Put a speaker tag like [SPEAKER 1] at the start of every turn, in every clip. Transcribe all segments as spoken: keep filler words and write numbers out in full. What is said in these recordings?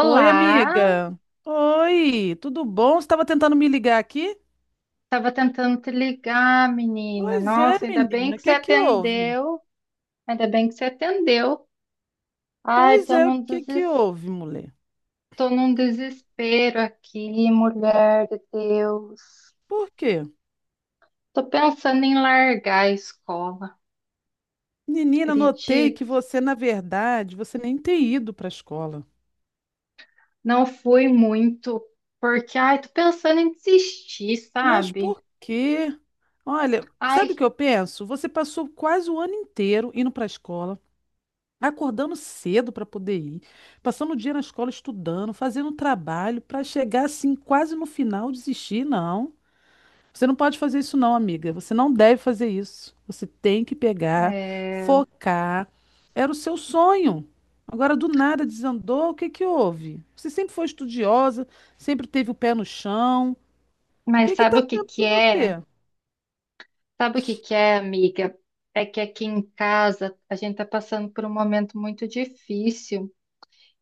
[SPEAKER 1] Oi, amiga. Oi, tudo bom? Você estava tentando me ligar aqui?
[SPEAKER 2] estava tentando te ligar, menina.
[SPEAKER 1] Pois é,
[SPEAKER 2] Nossa, ainda bem
[SPEAKER 1] menina, o
[SPEAKER 2] que você
[SPEAKER 1] que que houve?
[SPEAKER 2] atendeu. Ainda bem que você atendeu. Ai,
[SPEAKER 1] Pois
[SPEAKER 2] tô
[SPEAKER 1] é, o
[SPEAKER 2] num
[SPEAKER 1] que que
[SPEAKER 2] deses...
[SPEAKER 1] houve, mulher?
[SPEAKER 2] tô num desespero aqui, mulher de Deus.
[SPEAKER 1] Por quê?
[SPEAKER 2] Tô pensando em largar a escola.
[SPEAKER 1] Menina, notei que
[SPEAKER 2] Acredito,
[SPEAKER 1] você, na verdade, você nem tem ido para a escola.
[SPEAKER 2] não fui muito, porque ai, tô pensando em desistir,
[SPEAKER 1] Mas
[SPEAKER 2] sabe?
[SPEAKER 1] por quê? Olha, sabe o
[SPEAKER 2] Ai,
[SPEAKER 1] que eu penso? Você passou quase o ano inteiro indo para a escola, acordando cedo para poder ir, passando o dia na escola estudando, fazendo trabalho para chegar assim quase no final desistir, não. Você não pode fazer isso, não, amiga. Você não deve fazer isso. Você tem que pegar,
[SPEAKER 2] é,
[SPEAKER 1] focar. Era o seu sonho. Agora, do nada, desandou. O que que houve? Você sempre foi estudiosa, sempre teve o pé no chão. O
[SPEAKER 2] mas
[SPEAKER 1] que que tá
[SPEAKER 2] sabe o que
[SPEAKER 1] havendo
[SPEAKER 2] que
[SPEAKER 1] com
[SPEAKER 2] é?
[SPEAKER 1] você?
[SPEAKER 2] Sabe o que que é, amiga? É que aqui em casa a gente está passando por um momento muito difícil.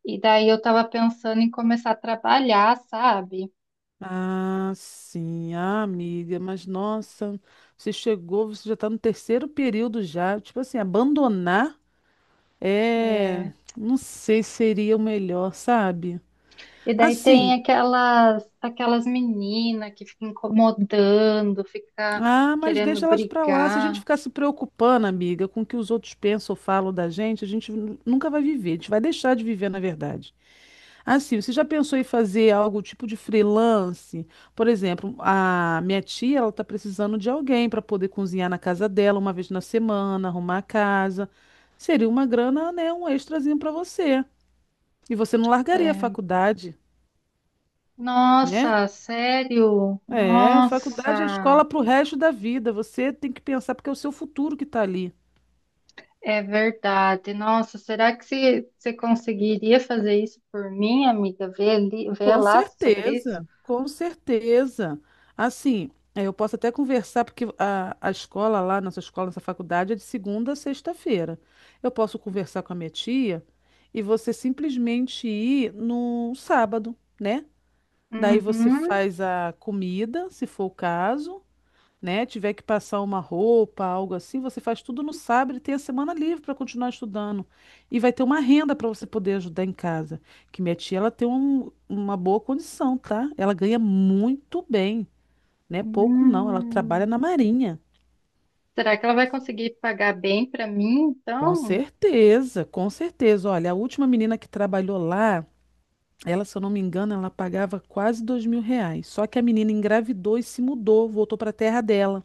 [SPEAKER 2] E daí eu estava pensando em começar a trabalhar, sabe?
[SPEAKER 1] Ah, sim, ah, amiga, mas nossa, você chegou, você já está no terceiro período já, tipo assim, abandonar é,
[SPEAKER 2] É,
[SPEAKER 1] não sei se seria o melhor, sabe?
[SPEAKER 2] e daí tem
[SPEAKER 1] Assim,
[SPEAKER 2] aquelas aquelas meninas que ficam incomodando, fica
[SPEAKER 1] ah, mas
[SPEAKER 2] querendo
[SPEAKER 1] deixa elas pra lá. Se a gente
[SPEAKER 2] brigar.
[SPEAKER 1] ficar se preocupando, amiga, com o que os outros pensam ou falam da gente, a gente nu- nunca vai viver. A gente vai deixar de viver, na verdade. Assim, você já pensou em fazer algo tipo de freelance? Por exemplo, a minha tia, ela tá precisando de alguém para poder cozinhar na casa dela uma vez na semana, arrumar a casa. Seria uma grana, né, um extrazinho para você. E você não largaria a
[SPEAKER 2] É,
[SPEAKER 1] faculdade, né?
[SPEAKER 2] nossa, sério?
[SPEAKER 1] É, faculdade é
[SPEAKER 2] Nossa,
[SPEAKER 1] escola para o resto da vida. Você tem que pensar porque é o seu futuro que está ali.
[SPEAKER 2] é verdade. Nossa, será que se- você conseguiria fazer isso por mim, amiga? Ver ali, ver
[SPEAKER 1] Com
[SPEAKER 2] lá sobre isso?
[SPEAKER 1] certeza, com certeza. Assim, eh, eu posso até conversar, porque a, a escola lá, nossa escola, nossa faculdade é de segunda a sexta-feira. Eu posso conversar com a minha tia e você simplesmente ir no sábado, né? Daí você
[SPEAKER 2] Uhum.
[SPEAKER 1] faz a comida, se for o caso, né, tiver que passar uma roupa, algo assim, você faz tudo no sábado e tem a semana livre para continuar estudando. E vai ter uma renda para você poder ajudar em casa. Que minha tia, ela tem um- uma boa condição, tá? Ela ganha muito bem, né? Pouco não, ela trabalha
[SPEAKER 2] Hum.
[SPEAKER 1] na Marinha.
[SPEAKER 2] Será que ela vai conseguir pagar bem para mim,
[SPEAKER 1] Com
[SPEAKER 2] então?
[SPEAKER 1] certeza, com certeza. Olha, a última menina que trabalhou lá, ela, se eu não me engano, ela pagava quase dois mil reais. Só que a menina engravidou e se mudou, voltou para a terra dela.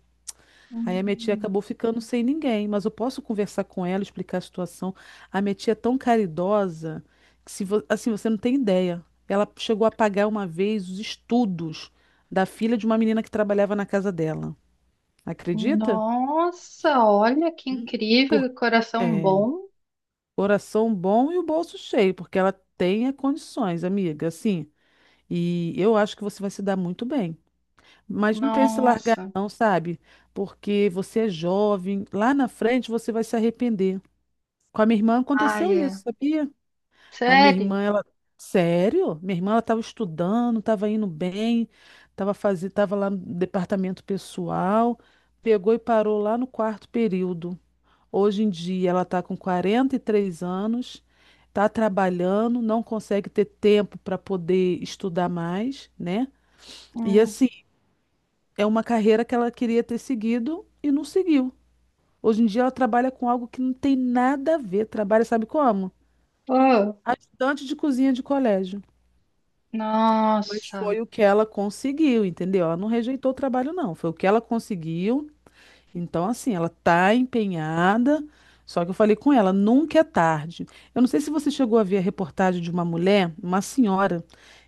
[SPEAKER 1] Aí a minha tia
[SPEAKER 2] Hum.
[SPEAKER 1] acabou ficando sem ninguém, mas eu posso conversar com ela, explicar a situação. A minha tia é tão caridosa que se vo- assim, você não tem ideia. Ela chegou a pagar uma vez os estudos da filha de uma menina que trabalhava na casa dela. Acredita?
[SPEAKER 2] Nossa, olha que
[SPEAKER 1] Hum.
[SPEAKER 2] incrível,
[SPEAKER 1] Por-
[SPEAKER 2] que coração
[SPEAKER 1] é,
[SPEAKER 2] bom.
[SPEAKER 1] coração bom e o bolso cheio, porque ela tem é, condições, amiga, assim. E eu acho que você vai se dar muito bem. Mas não pense em largar,
[SPEAKER 2] Nossa.
[SPEAKER 1] não, sabe? Porque você é jovem, lá na frente você vai se arrepender. Com a minha irmã
[SPEAKER 2] Ai,
[SPEAKER 1] aconteceu
[SPEAKER 2] é.
[SPEAKER 1] isso, sabia? A minha
[SPEAKER 2] Sério?
[SPEAKER 1] irmã, ela. Sério? Minha irmã, ela estava estudando, estava indo bem, estava fazendo, estava lá no departamento pessoal, pegou e parou lá no quarto período. Hoje em dia, ela está com quarenta e três anos, está trabalhando, não consegue ter tempo para poder estudar mais, né? E
[SPEAKER 2] Hum.
[SPEAKER 1] assim, é uma carreira que ela queria ter seguido e não seguiu. Hoje em dia, ela trabalha com algo que não tem nada a ver. Trabalha, sabe como?
[SPEAKER 2] Oh,
[SPEAKER 1] Ajudante de cozinha de colégio. Mas
[SPEAKER 2] nossa.
[SPEAKER 1] foi o que ela conseguiu, entendeu? Ela não rejeitou o trabalho, não. Foi o que ela conseguiu. Então, assim, ela tá empenhada. Só que eu falei com ela, nunca é tarde. Eu não sei se você chegou a ver a reportagem de uma mulher, uma senhora,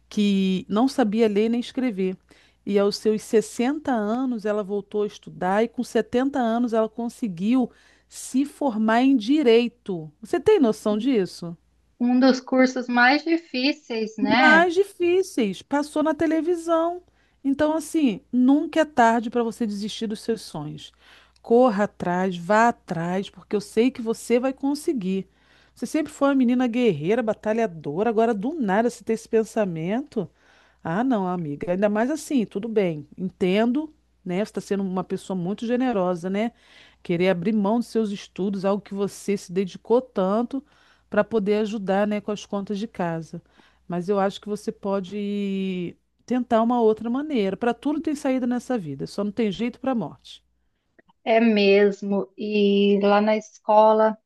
[SPEAKER 1] que não sabia ler nem escrever. E aos seus sessenta anos ela voltou a estudar e com setenta anos ela conseguiu se formar em direito. Você tem noção disso?
[SPEAKER 2] Um dos cursos mais difíceis, né?
[SPEAKER 1] Mais difíceis. Passou na televisão. Então, assim, nunca é tarde para você desistir dos seus sonhos. Corra atrás, vá atrás, porque eu sei que você vai conseguir. Você sempre foi uma menina guerreira, batalhadora, agora do nada você ter esse pensamento. Ah, não, amiga. Ainda mais assim, tudo bem, entendo, né? Você está sendo uma pessoa muito generosa, né? Querer abrir mão dos seus estudos, algo que você se dedicou tanto, para poder ajudar, né, com as contas de casa. Mas eu acho que você pode tentar uma outra maneira. Para tudo tem saída nessa vida, só não tem jeito para a morte.
[SPEAKER 2] É mesmo. E lá na escola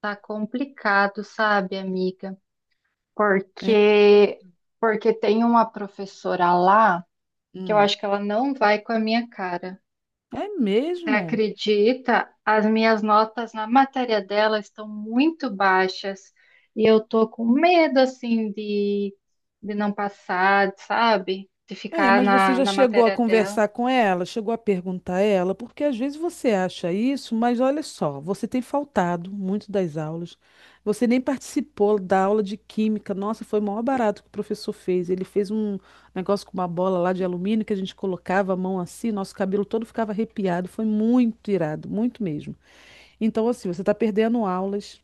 [SPEAKER 2] tá complicado, sabe, amiga?
[SPEAKER 1] É,
[SPEAKER 2] Porque porque tem uma professora lá que eu
[SPEAKER 1] hum.
[SPEAKER 2] acho que ela não vai com a minha cara.
[SPEAKER 1] É
[SPEAKER 2] Você
[SPEAKER 1] mesmo?
[SPEAKER 2] acredita? As minhas notas na matéria dela estão muito baixas e eu tô com medo assim de, de não passar, sabe? De
[SPEAKER 1] É,
[SPEAKER 2] ficar
[SPEAKER 1] mas você
[SPEAKER 2] na,
[SPEAKER 1] já
[SPEAKER 2] na
[SPEAKER 1] chegou a
[SPEAKER 2] matéria dela.
[SPEAKER 1] conversar com ela, chegou a perguntar a ela, porque às vezes você acha isso, mas olha só, você tem faltado muito das aulas, você nem participou da aula de química. Nossa, foi o maior barato que o professor fez. Ele fez um negócio com uma bola lá de alumínio que a gente colocava a mão assim, nosso cabelo todo ficava arrepiado. Foi muito irado, muito mesmo. Então, assim, você está perdendo aulas.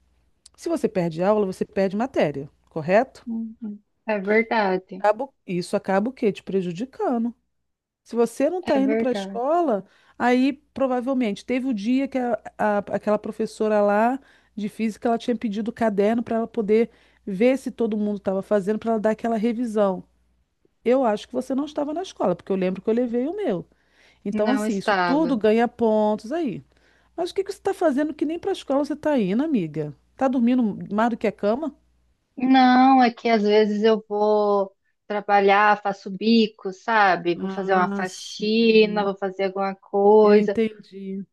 [SPEAKER 1] Se você perde aula, você perde matéria, correto?
[SPEAKER 2] Uhum. É verdade,
[SPEAKER 1] Acaba- Isso acaba o quê? Te prejudicando. Se você não
[SPEAKER 2] é
[SPEAKER 1] está indo para a
[SPEAKER 2] verdade.
[SPEAKER 1] escola, aí provavelmente teve o dia que a- a- aquela professora lá de física ela tinha pedido o caderno para ela poder ver se todo mundo estava fazendo, para ela dar aquela revisão. Eu acho que você não estava na escola, porque eu lembro que eu levei o meu. Então,
[SPEAKER 2] Não
[SPEAKER 1] assim, isso tudo
[SPEAKER 2] estava.
[SPEAKER 1] ganha pontos aí. Mas o que que você está fazendo que nem para a escola você está indo, amiga? Tá dormindo mais do que a cama?
[SPEAKER 2] Não, é que às vezes eu vou trabalhar, faço bico, sabe? Vou fazer uma
[SPEAKER 1] Ah,
[SPEAKER 2] faxina,
[SPEAKER 1] sim.
[SPEAKER 2] vou fazer alguma
[SPEAKER 1] Eu
[SPEAKER 2] coisa.
[SPEAKER 1] entendi.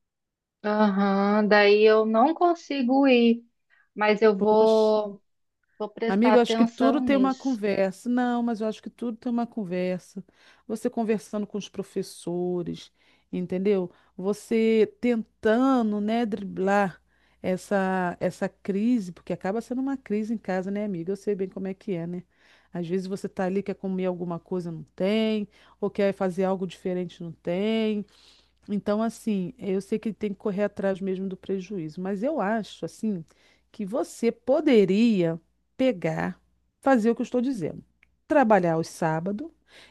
[SPEAKER 2] Aham, daí eu não consigo ir, mas eu
[SPEAKER 1] Poxa.
[SPEAKER 2] vou, vou prestar
[SPEAKER 1] Amigo, eu acho que
[SPEAKER 2] atenção
[SPEAKER 1] tudo tem uma
[SPEAKER 2] nisso.
[SPEAKER 1] conversa. Não, mas eu acho que tudo tem uma conversa. Você conversando com os professores, entendeu? Você tentando, né, driblar essa essa crise, porque acaba sendo uma crise em casa, né, amiga? Eu sei bem como é que é, né? Às vezes você tá ali, quer comer alguma coisa, não tem, ou quer fazer algo diferente, não tem. Então, assim, eu sei que tem que correr atrás mesmo do prejuízo, mas eu acho, assim, que você poderia pegar, fazer o que eu estou dizendo, trabalhar aos sábados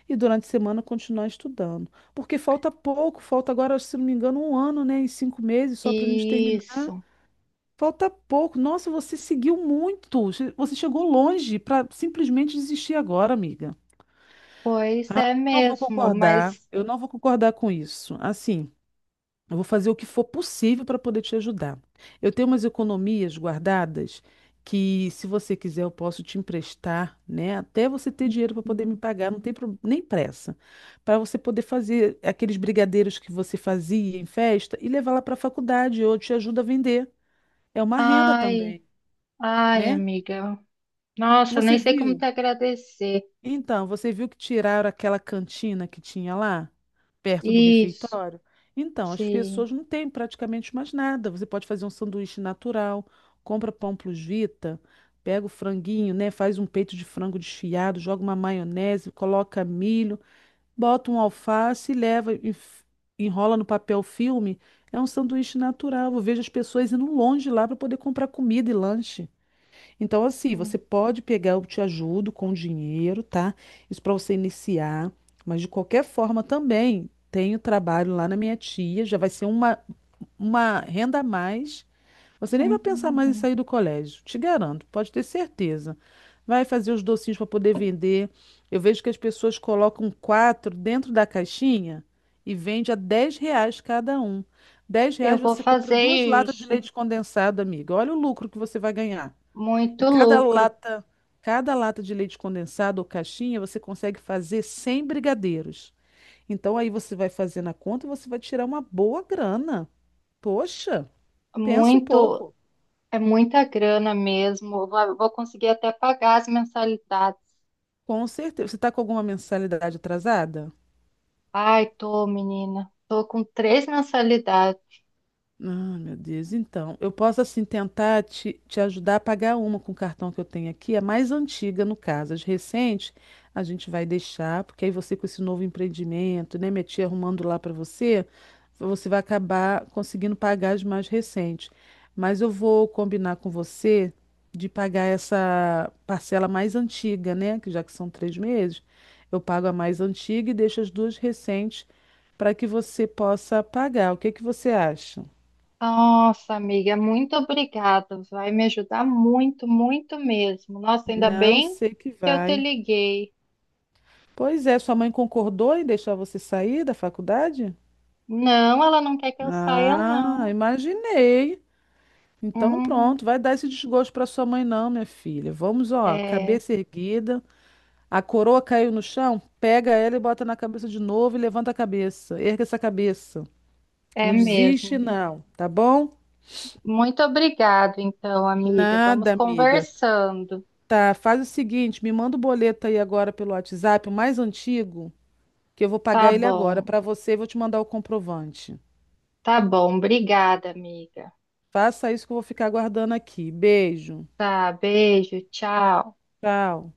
[SPEAKER 1] e durante a semana continuar estudando, porque falta pouco, falta agora, se não me engano, um ano, né, e cinco meses só para a gente terminar.
[SPEAKER 2] Isso,
[SPEAKER 1] Falta pouco. Nossa, você seguiu muito, che- você chegou longe para simplesmente desistir agora, amiga.
[SPEAKER 2] pois
[SPEAKER 1] Ah,
[SPEAKER 2] é
[SPEAKER 1] eu não vou
[SPEAKER 2] mesmo, mas
[SPEAKER 1] concordar, eu não vou concordar com isso. Assim. Eu vou fazer o que for possível para poder te ajudar. Eu tenho umas economias guardadas que, se você quiser, eu posso te emprestar, né? Até você ter dinheiro para poder me pagar, não tem pro- nem pressa. Para você poder fazer aqueles brigadeiros que você fazia em festa e levar lá para a faculdade, ou te ajuda a vender. É uma renda
[SPEAKER 2] ai,
[SPEAKER 1] também,
[SPEAKER 2] ai,
[SPEAKER 1] né?
[SPEAKER 2] amiga. Nossa, nem
[SPEAKER 1] Você
[SPEAKER 2] sei como
[SPEAKER 1] viu?
[SPEAKER 2] te agradecer.
[SPEAKER 1] Então, você viu que tiraram aquela cantina que tinha lá, perto do
[SPEAKER 2] Isso,
[SPEAKER 1] refeitório? Então, as
[SPEAKER 2] sim.
[SPEAKER 1] pessoas não têm praticamente mais nada. Você pode fazer um sanduíche natural, compra pão plus vita, pega o franguinho, né? Faz um peito de frango desfiado, joga uma maionese, coloca milho, bota um alface e leva, e f- enrola no papel filme. É um sanduíche natural. Eu vejo as pessoas indo longe lá para poder comprar comida e lanche. Então, assim, você pode pegar, eu te ajudo com dinheiro, tá? Isso para você iniciar. Mas de qualquer forma também tenho trabalho lá na minha tia, já vai ser uma, uma renda a mais. Você nem vai pensar mais em
[SPEAKER 2] Uhum.
[SPEAKER 1] sair do colégio, te garanto, pode ter certeza. Vai fazer os docinhos para poder vender. Eu vejo que as pessoas colocam quatro dentro da caixinha e vende a dez reais cada um. Dez
[SPEAKER 2] Eu
[SPEAKER 1] reais
[SPEAKER 2] vou
[SPEAKER 1] você compra
[SPEAKER 2] fazer
[SPEAKER 1] duas latas de
[SPEAKER 2] isso.
[SPEAKER 1] leite condensado, amiga. Olha o lucro que você vai ganhar. E
[SPEAKER 2] Muito
[SPEAKER 1] cada
[SPEAKER 2] lucro,
[SPEAKER 1] lata, cada lata de leite condensado ou caixinha, você consegue fazer cem brigadeiros. Então aí você vai fazer na conta e você vai tirar uma boa grana. Poxa, pensa um
[SPEAKER 2] muito,
[SPEAKER 1] pouco.
[SPEAKER 2] é muita grana mesmo. Eu Vou vou conseguir até pagar as mensalidades.
[SPEAKER 1] Com certeza. Você está com alguma mensalidade atrasada?
[SPEAKER 2] Ai, tô, menina. Tô com três mensalidades.
[SPEAKER 1] Ah, meu Deus. Então, eu posso assim tentar te, te ajudar a pagar uma com o cartão que eu tenho aqui, a mais antiga no caso. As recentes a gente vai deixar, porque aí você com esse novo empreendimento, né, minha tia arrumando lá para você, você vai acabar conseguindo pagar as mais recentes. Mas eu vou combinar com você de pagar essa parcela mais antiga, né, que já que são três meses, eu pago a mais antiga e deixo as duas recentes para que você possa pagar. O que que você acha?
[SPEAKER 2] Nossa, amiga, muito obrigada. Vai me ajudar muito, muito mesmo. Nossa, ainda
[SPEAKER 1] Não
[SPEAKER 2] bem
[SPEAKER 1] sei que
[SPEAKER 2] que eu te
[SPEAKER 1] vai.
[SPEAKER 2] liguei.
[SPEAKER 1] Pois é, sua mãe concordou em deixar você sair da faculdade?
[SPEAKER 2] Não, ela não quer que eu saia,
[SPEAKER 1] Ah,
[SPEAKER 2] não.
[SPEAKER 1] imaginei. Então
[SPEAKER 2] Uhum.
[SPEAKER 1] pronto, vai dar esse desgosto para sua mãe não, minha filha. Vamos, ó,
[SPEAKER 2] É,
[SPEAKER 1] cabeça erguida. A coroa caiu no chão, pega ela e bota na cabeça de novo e levanta a cabeça. Erga essa cabeça.
[SPEAKER 2] é
[SPEAKER 1] Não desiste,
[SPEAKER 2] mesmo.
[SPEAKER 1] não, tá bom?
[SPEAKER 2] Muito obrigado, então, amiga. Vamos
[SPEAKER 1] Nada, amiga.
[SPEAKER 2] conversando.
[SPEAKER 1] Tá, faz o seguinte, me manda o boleto aí agora pelo WhatsApp, o mais antigo. Que eu vou pagar
[SPEAKER 2] Tá
[SPEAKER 1] ele agora
[SPEAKER 2] bom,
[SPEAKER 1] para você e vou te mandar o comprovante.
[SPEAKER 2] tá bom. Obrigada, amiga.
[SPEAKER 1] Faça isso que eu vou ficar aguardando aqui. Beijo.
[SPEAKER 2] Tá, beijo, tchau.
[SPEAKER 1] Tchau.